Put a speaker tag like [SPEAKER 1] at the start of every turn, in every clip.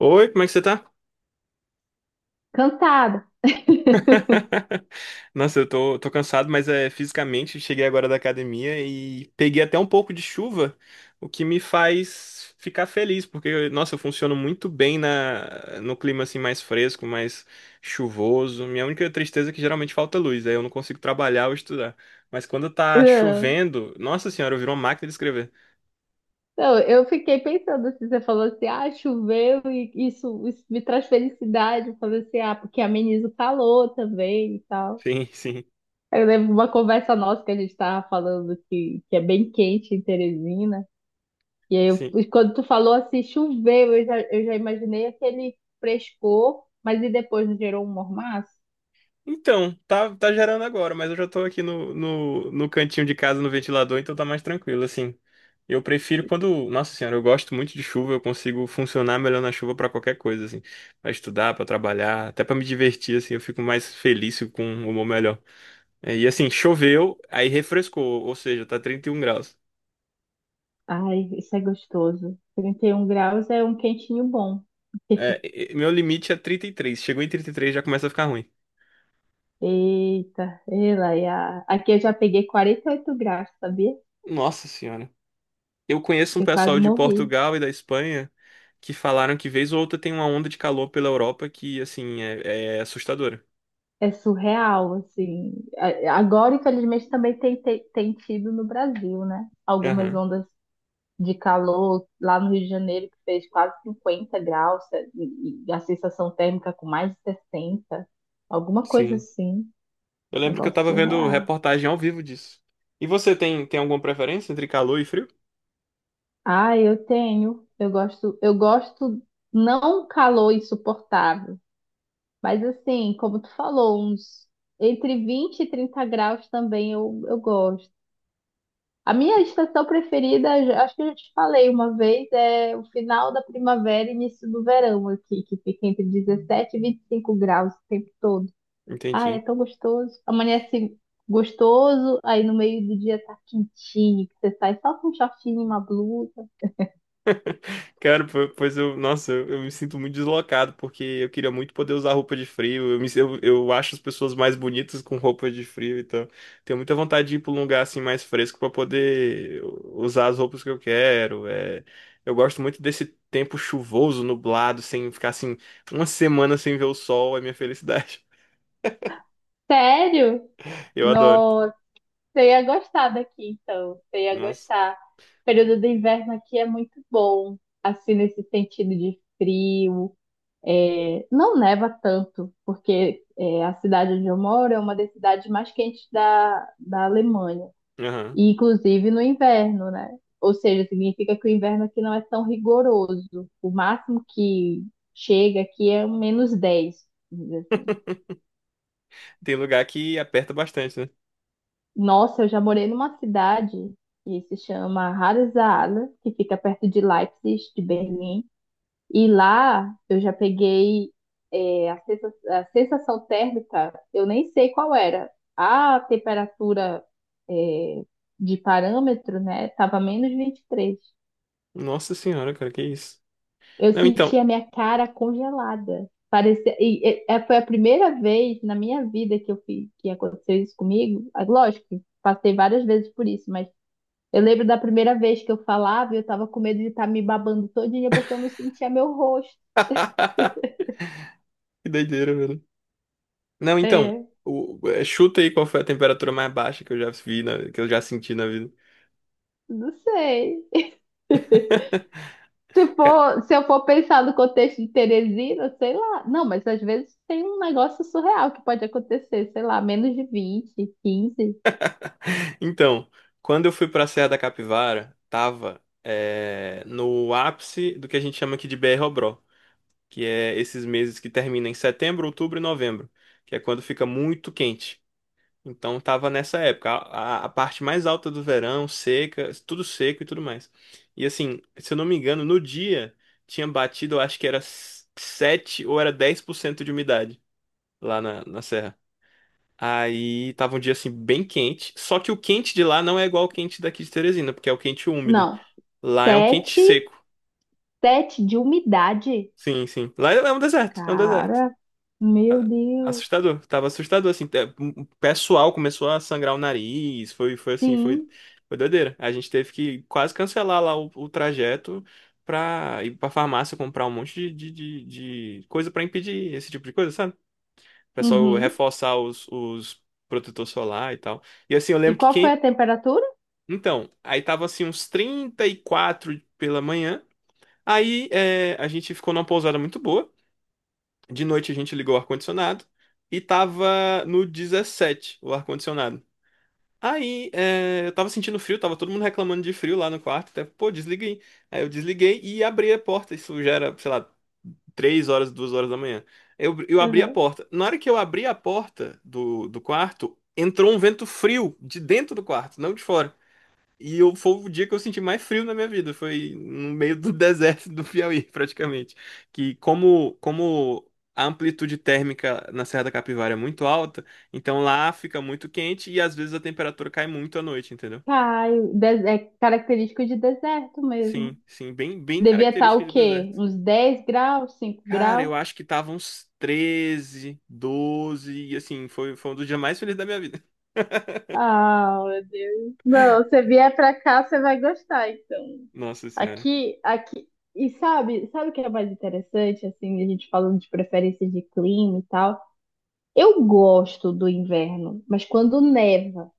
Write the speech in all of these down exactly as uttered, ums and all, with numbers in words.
[SPEAKER 1] Oi, como é que você tá?
[SPEAKER 2] Cansada.
[SPEAKER 1] Nossa, eu tô, tô cansado, mas é fisicamente cheguei agora da academia e peguei até um pouco de chuva, o que me faz ficar feliz, porque, nossa, eu funciono muito bem na, no clima assim mais fresco, mais chuvoso. Minha única tristeza é que geralmente falta luz, aí eu não consigo trabalhar ou estudar. Mas quando tá
[SPEAKER 2] Não,
[SPEAKER 1] chovendo, nossa senhora, eu viro uma máquina de escrever.
[SPEAKER 2] não, eu fiquei pensando assim, você falou assim, ah, choveu e isso, isso me traz felicidade. Eu falei assim, ah, porque ameniza o calor também e tal.
[SPEAKER 1] Sim, sim,
[SPEAKER 2] Eu lembro uma conversa nossa que a gente estava falando que, que é bem quente em Teresina. E aí, eu-
[SPEAKER 1] sim.
[SPEAKER 2] e quando tu falou assim, choveu, eu já, eu já imaginei aquele frescor, mas e depois não gerou um mormaço?
[SPEAKER 1] Então, tá, tá gerando agora, mas eu já tô aqui no, no, no cantinho de casa, no ventilador, então tá mais tranquilo, assim. Eu prefiro quando. Nossa senhora, eu gosto muito de chuva, eu consigo funcionar melhor na chuva pra qualquer coisa, assim. Pra estudar, pra trabalhar, até pra me divertir, assim, eu fico mais feliz fico com um humor melhor. É, E assim, choveu, aí refrescou, ou seja, tá trinta e um graus.
[SPEAKER 2] Ai, isso é gostoso. Trinta e um graus é um quentinho bom.
[SPEAKER 1] É, e- e- meu limite é trinta e três. Chegou em trinta e três já começa a ficar ruim.
[SPEAKER 2] Eita, ela e a... Aqui eu já peguei quarenta e oito graus, sabia?
[SPEAKER 1] Nossa senhora. Eu conheço um
[SPEAKER 2] Eu quase
[SPEAKER 1] pessoal de
[SPEAKER 2] morri.
[SPEAKER 1] Portugal e da Espanha que falaram que vez ou outra tem uma onda de calor pela Europa que, assim, é, é assustadora.
[SPEAKER 2] É surreal, assim. A- Agora, infelizmente, também tem, tem, tem tido no Brasil, né? Algumas
[SPEAKER 1] Aham,
[SPEAKER 2] ondas de calor lá no Rio de Janeiro que fez quase cinquenta graus é, e, e a sensação térmica com mais de sessenta, alguma coisa
[SPEAKER 1] sim.
[SPEAKER 2] assim.
[SPEAKER 1] Eu lembro que eu
[SPEAKER 2] Negócio
[SPEAKER 1] tava vendo
[SPEAKER 2] surreal.
[SPEAKER 1] reportagem ao vivo disso. E você tem, tem alguma preferência entre calor e frio?
[SPEAKER 2] Ah, eu tenho. Eu gosto, eu gosto não um calor insuportável. Mas assim, como tu falou, uns entre vinte e trinta graus também eu, eu gosto. A minha estação preferida, já- acho que eu já te falei uma vez, é o final da primavera e início do verão aqui, que fica entre dezessete e vinte e cinco graus o tempo todo. Ah,
[SPEAKER 1] Entendi.
[SPEAKER 2] é tão gostoso. Amanhece gostoso, aí no meio do dia tá quentinho, que você sai só com um shortinho e uma blusa.
[SPEAKER 1] Cara, po- pois eu, nossa, eu, eu me sinto muito deslocado, porque eu queria muito poder usar roupa de frio. Eu, me, eu, eu acho as pessoas mais bonitas com roupa de frio, então tenho muita vontade de ir para um lugar assim mais fresco para poder usar as roupas que eu quero. É, eu gosto muito desse tempo chuvoso, nublado, sem ficar assim uma semana sem ver o sol, é minha felicidade.
[SPEAKER 2] Sério?
[SPEAKER 1] Eu adoro.
[SPEAKER 2] Nossa. Você ia gostar daqui, então. Você ia
[SPEAKER 1] Nossa.
[SPEAKER 2] gostar. O período do inverno aqui é muito bom, assim, nesse sentido de frio. É, não neva tanto, porque é, a cidade onde eu moro é uma das cidades mais quentes da, da Alemanha,
[SPEAKER 1] Aham.
[SPEAKER 2] e inclusive no inverno, né? Ou seja, significa que o inverno aqui não é tão rigoroso. O máximo que chega aqui é um menos dez, vamos dizer assim.
[SPEAKER 1] Tem lugar que aperta bastante, né?
[SPEAKER 2] Nossa, eu já morei numa cidade que se chama Harzala, que fica perto de Leipzig, de Berlim. E lá eu já peguei é, a sensa- a sensação térmica, eu nem sei qual era. A temperatura é, de parâmetro, né, estava menos vinte e três.
[SPEAKER 1] Nossa senhora, cara, que isso?
[SPEAKER 2] Eu
[SPEAKER 1] Não,
[SPEAKER 2] senti
[SPEAKER 1] então.
[SPEAKER 2] a minha cara congelada. Parecia, e, e- é, foi a primeira vez na minha vida que eu fiz, que aconteceu isso comigo. Ah, lógico, passei várias vezes por isso, mas eu lembro da primeira vez que eu falava, eu tava com medo de estar me babando todinha porque eu não sentia meu rosto.
[SPEAKER 1] Que doideira, velho. Não, então,
[SPEAKER 2] É,
[SPEAKER 1] o- é, chuta aí qual foi a temperatura mais baixa que eu já vi, na- que eu já senti na vida.
[SPEAKER 2] não sei. Se for, se eu for pensar no contexto de Teresina, sei lá. Não, mas às vezes tem um negócio surreal que pode acontecer, sei lá, menos de vinte, quinze.
[SPEAKER 1] Então, quando eu fui pra Serra da Capivara, tava é, no ápice do que a gente chama aqui de B R-Obró, que é esses meses que terminam em setembro, outubro e novembro, que é quando fica muito quente. Então, tava nessa época, a, a- a parte mais alta do verão, seca, tudo seco e tudo mais. E assim, se eu não me engano, no dia tinha batido, eu acho que era sete ou era dez por cento de umidade. Lá na, na serra. Aí tava um dia assim bem quente, só que o quente de lá não é igual ao quente daqui de Teresina, porque é o quente úmido.
[SPEAKER 2] Não,
[SPEAKER 1] Lá é um quente
[SPEAKER 2] sete,
[SPEAKER 1] seco.
[SPEAKER 2] sete de umidade.
[SPEAKER 1] Sim, sim. Lá é é um deserto, é um deserto.
[SPEAKER 2] Cara, meu Deus.
[SPEAKER 1] Assustador, tava assustador assim. Te- O pessoal começou a sangrar o nariz, foi foi assim, foi
[SPEAKER 2] Sim.
[SPEAKER 1] foi doideira. A gente teve que quase cancelar lá o, o trajeto pra ir pra farmácia comprar um monte de, de, de, de coisa pra impedir esse tipo de coisa, sabe? O pessoal
[SPEAKER 2] Uhum.
[SPEAKER 1] reforçar os, os protetor solar e tal. E assim, eu
[SPEAKER 2] E
[SPEAKER 1] lembro que
[SPEAKER 2] qual foi
[SPEAKER 1] quem.
[SPEAKER 2] a temperatura?
[SPEAKER 1] Então, aí tava assim uns trinta e quatro pela manhã. Aí é, a gente ficou numa pousada muito boa. De noite a gente ligou o ar-condicionado e tava no dezessete o ar-condicionado. Aí é, eu tava sentindo frio, tava todo mundo reclamando de frio lá no quarto. Até, pô, desliguei. Aí eu desliguei e abri a porta. Isso já era, sei lá, três horas, duas horas da manhã. Eu, eu abri a
[SPEAKER 2] Uhum.
[SPEAKER 1] porta. Na hora que eu abri a porta do, do quarto, entrou um vento frio de dentro do quarto, não de fora. E eu, foi o dia que eu senti mais frio na minha vida. Foi no meio do deserto do Piauí, praticamente. Que como, como a amplitude térmica na Serra da Capivara é muito alta, então lá fica muito quente e às vezes a temperatura cai muito à noite, entendeu?
[SPEAKER 2] Pai, de- é característico de deserto mesmo.
[SPEAKER 1] Sim, sim, bem, bem
[SPEAKER 2] Devia estar
[SPEAKER 1] característica
[SPEAKER 2] o
[SPEAKER 1] de
[SPEAKER 2] quê?
[SPEAKER 1] deserto.
[SPEAKER 2] Uns dez graus, cinco
[SPEAKER 1] Cara,
[SPEAKER 2] graus?
[SPEAKER 1] eu acho que tava uns treze doze e assim, foi, foi um dos dias mais felizes da minha vida.
[SPEAKER 2] Ah, meu Deus. Não, você vier pra cá, você vai gostar, então.
[SPEAKER 1] Nossa senhora.
[SPEAKER 2] Aqui, aqui. E sabe, sabe o que é mais interessante, assim, a gente falando de preferência de clima e tal? Eu gosto do inverno, mas quando neva.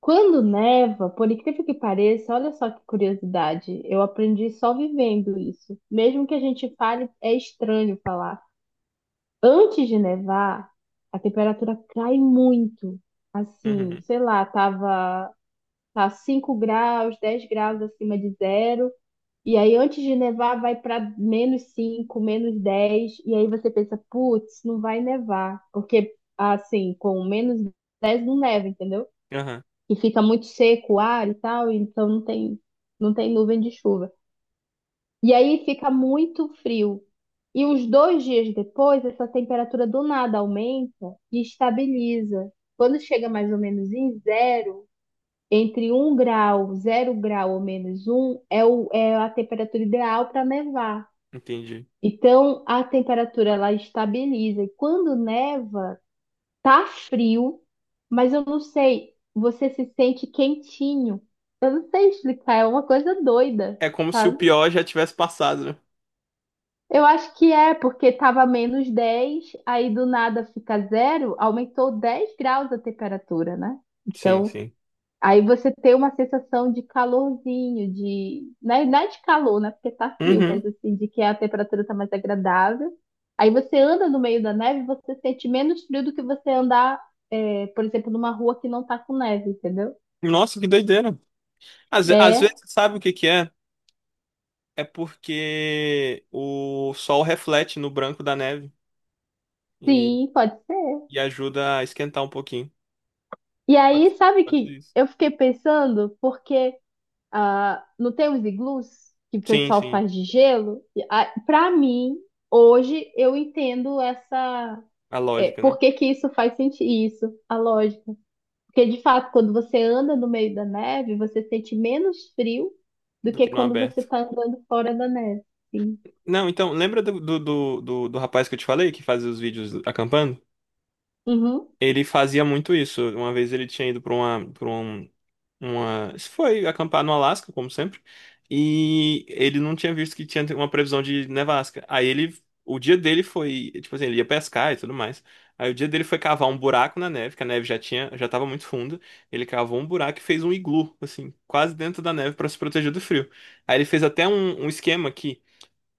[SPEAKER 2] Quando neva, por incrível que pareça, olha só que curiosidade, eu aprendi só vivendo isso. Mesmo que a gente fale, é estranho falar. Antes de nevar, a temperatura cai muito. Assim,
[SPEAKER 1] Uhum.
[SPEAKER 2] sei lá, tava tá cinco graus, dez graus acima de zero. E aí, antes de nevar, vai para menos cinco, menos dez. E aí você pensa, putz, não vai nevar. Porque, assim, com menos dez, não neva, entendeu?
[SPEAKER 1] Aham,
[SPEAKER 2] E fica muito seco o ar e tal, então não tem, não tem nuvem de chuva. E aí fica muito frio. E uns dois dias depois, essa temperatura do nada aumenta e estabiliza. Quando chega mais ou menos em zero, entre um grau, zero grau ou menos um, é, o, é a temperatura ideal para nevar.
[SPEAKER 1] entendi.
[SPEAKER 2] Então, a temperatura ela estabiliza. E quando neva, tá frio, mas eu não sei, você se sente quentinho. Eu não sei explicar, é uma coisa doida,
[SPEAKER 1] É como se o
[SPEAKER 2] sabe?
[SPEAKER 1] pior já tivesse passado, né?
[SPEAKER 2] Eu acho que é, porque estava menos dez, aí do nada fica zero, aumentou dez graus a temperatura, né?
[SPEAKER 1] Sim,
[SPEAKER 2] Então,
[SPEAKER 1] sim.
[SPEAKER 2] aí você tem uma sensação de calorzinho, de. Não é, não é de calor, né? Porque tá frio, mas
[SPEAKER 1] Uhum.
[SPEAKER 2] assim, de que a temperatura tá mais agradável. Aí você anda no meio da neve, você sente menos frio do que você andar, é, por exemplo, numa rua que não tá com neve, entendeu?
[SPEAKER 1] Nossa, que doideira. Às, às
[SPEAKER 2] É,
[SPEAKER 1] vezes, sabe o que que é? É porque o sol reflete no branco da neve e,
[SPEAKER 2] sim, pode ser.
[SPEAKER 1] e ajuda a esquentar um pouquinho.
[SPEAKER 2] E
[SPEAKER 1] Pode,
[SPEAKER 2] aí,
[SPEAKER 1] ser-
[SPEAKER 2] sabe
[SPEAKER 1] pode ser
[SPEAKER 2] que
[SPEAKER 1] isso.
[SPEAKER 2] eu fiquei pensando, porque. Ah, não tem os iglus que o
[SPEAKER 1] Sim,
[SPEAKER 2] pessoal
[SPEAKER 1] sim.
[SPEAKER 2] faz de gelo? Para mim, hoje eu entendo essa,
[SPEAKER 1] A
[SPEAKER 2] é,
[SPEAKER 1] lógica, né?
[SPEAKER 2] por que que isso faz sentido, isso, a lógica. Porque de fato, quando você anda no meio da neve, você sente menos frio do
[SPEAKER 1] Do
[SPEAKER 2] que
[SPEAKER 1] que não
[SPEAKER 2] quando você
[SPEAKER 1] aberto.
[SPEAKER 2] está andando fora da neve. Sim.
[SPEAKER 1] Não, então, lembra do, do, do, do, do rapaz que eu te falei que fazia os vídeos acampando?
[SPEAKER 2] Uhum.
[SPEAKER 1] Ele fazia muito isso. Uma vez ele tinha ido para uma, para uma. Se foi acampar no Alasca, como sempre. E ele não tinha visto que tinha uma previsão de nevasca. Aí ele. O dia dele foi. Tipo assim, ele ia pescar e tudo mais. Aí o dia dele foi cavar um buraco na neve, que a neve já tinha, já tava muito funda. Ele cavou um buraco e fez um iglu, assim, quase dentro da neve para se proteger do frio. Aí ele fez até um, um esquema aqui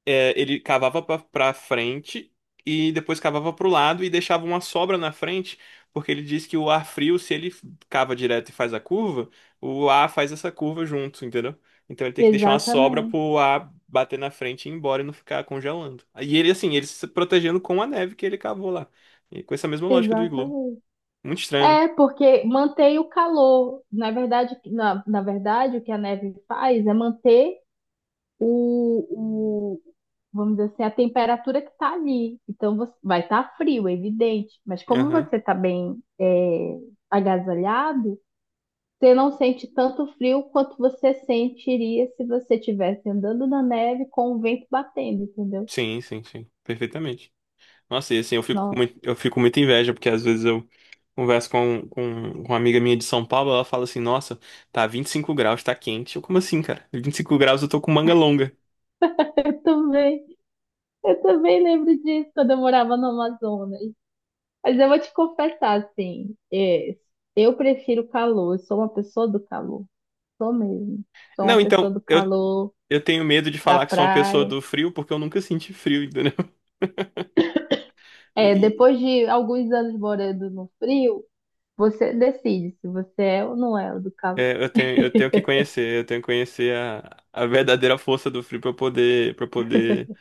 [SPEAKER 1] é, ele cavava pra pra frente e depois cavava pro lado e deixava uma sobra na frente, porque ele diz que o ar frio, se ele cava direto e faz a curva, o ar faz essa curva junto, entendeu? Então ele tem que deixar uma sobra
[SPEAKER 2] Exatamente.
[SPEAKER 1] pro ar bater na frente e ir embora e não ficar congelando. E ele, assim, ele se protegendo com a neve que ele cavou lá. E com essa mesma lógica do iglu.
[SPEAKER 2] Exatamente.
[SPEAKER 1] Muito estranho, né?
[SPEAKER 2] É, porque mantém o calor. Na verdade, na, na verdade, o que a neve faz é manter o, vamos dizer assim, a temperatura que está ali. Então você- vai estar frio, é evidente, mas como
[SPEAKER 1] Aham.
[SPEAKER 2] você está bem é, agasalhado, você não sente tanto frio quanto você sentiria se você estivesse andando na neve com o vento batendo, entendeu?
[SPEAKER 1] Sim, sim, sim. Perfeitamente. Nossa, e assim, eu fico com
[SPEAKER 2] Nossa,
[SPEAKER 1] muito, eu fico com muita inveja, porque às vezes eu converso com, com, com uma amiga minha de São Paulo, ela fala assim, nossa, tá vinte e cinco graus, tá quente. Eu, como assim, cara? vinte e cinco graus eu tô com manga longa.
[SPEAKER 2] eu também, eu também lembro disso quando eu morava no Amazonas. Mas eu vou te confessar, assim, é, eu prefiro o calor, eu sou uma pessoa do calor, sou mesmo. Sou uma
[SPEAKER 1] Não,
[SPEAKER 2] pessoa
[SPEAKER 1] então,
[SPEAKER 2] do
[SPEAKER 1] eu,
[SPEAKER 2] calor,
[SPEAKER 1] eu tenho medo de
[SPEAKER 2] da
[SPEAKER 1] falar que sou uma pessoa
[SPEAKER 2] praia.
[SPEAKER 1] do frio, porque eu nunca senti frio, entendeu?
[SPEAKER 2] É,
[SPEAKER 1] E
[SPEAKER 2] depois de alguns anos morando no frio, você decide se você é ou não é o do calor.
[SPEAKER 1] é, eu tenho, eu tenho que conhecer, eu tenho que conhecer a, a verdadeira força do frio pra eu poder, para poder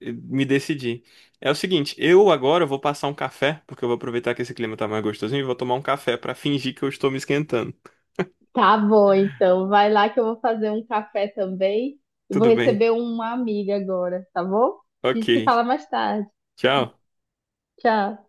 [SPEAKER 1] eh, me decidir. É o seguinte, eu agora vou passar um café, porque eu vou aproveitar que esse clima tá mais gostosinho e vou tomar um café pra fingir que eu estou me esquentando.
[SPEAKER 2] Tá bom, então vai lá que eu vou fazer um café também e vou
[SPEAKER 1] Tudo bem.
[SPEAKER 2] receber uma amiga agora, tá bom? A gente se
[SPEAKER 1] Ok.
[SPEAKER 2] fala mais tarde.
[SPEAKER 1] Tchau.
[SPEAKER 2] Tchau.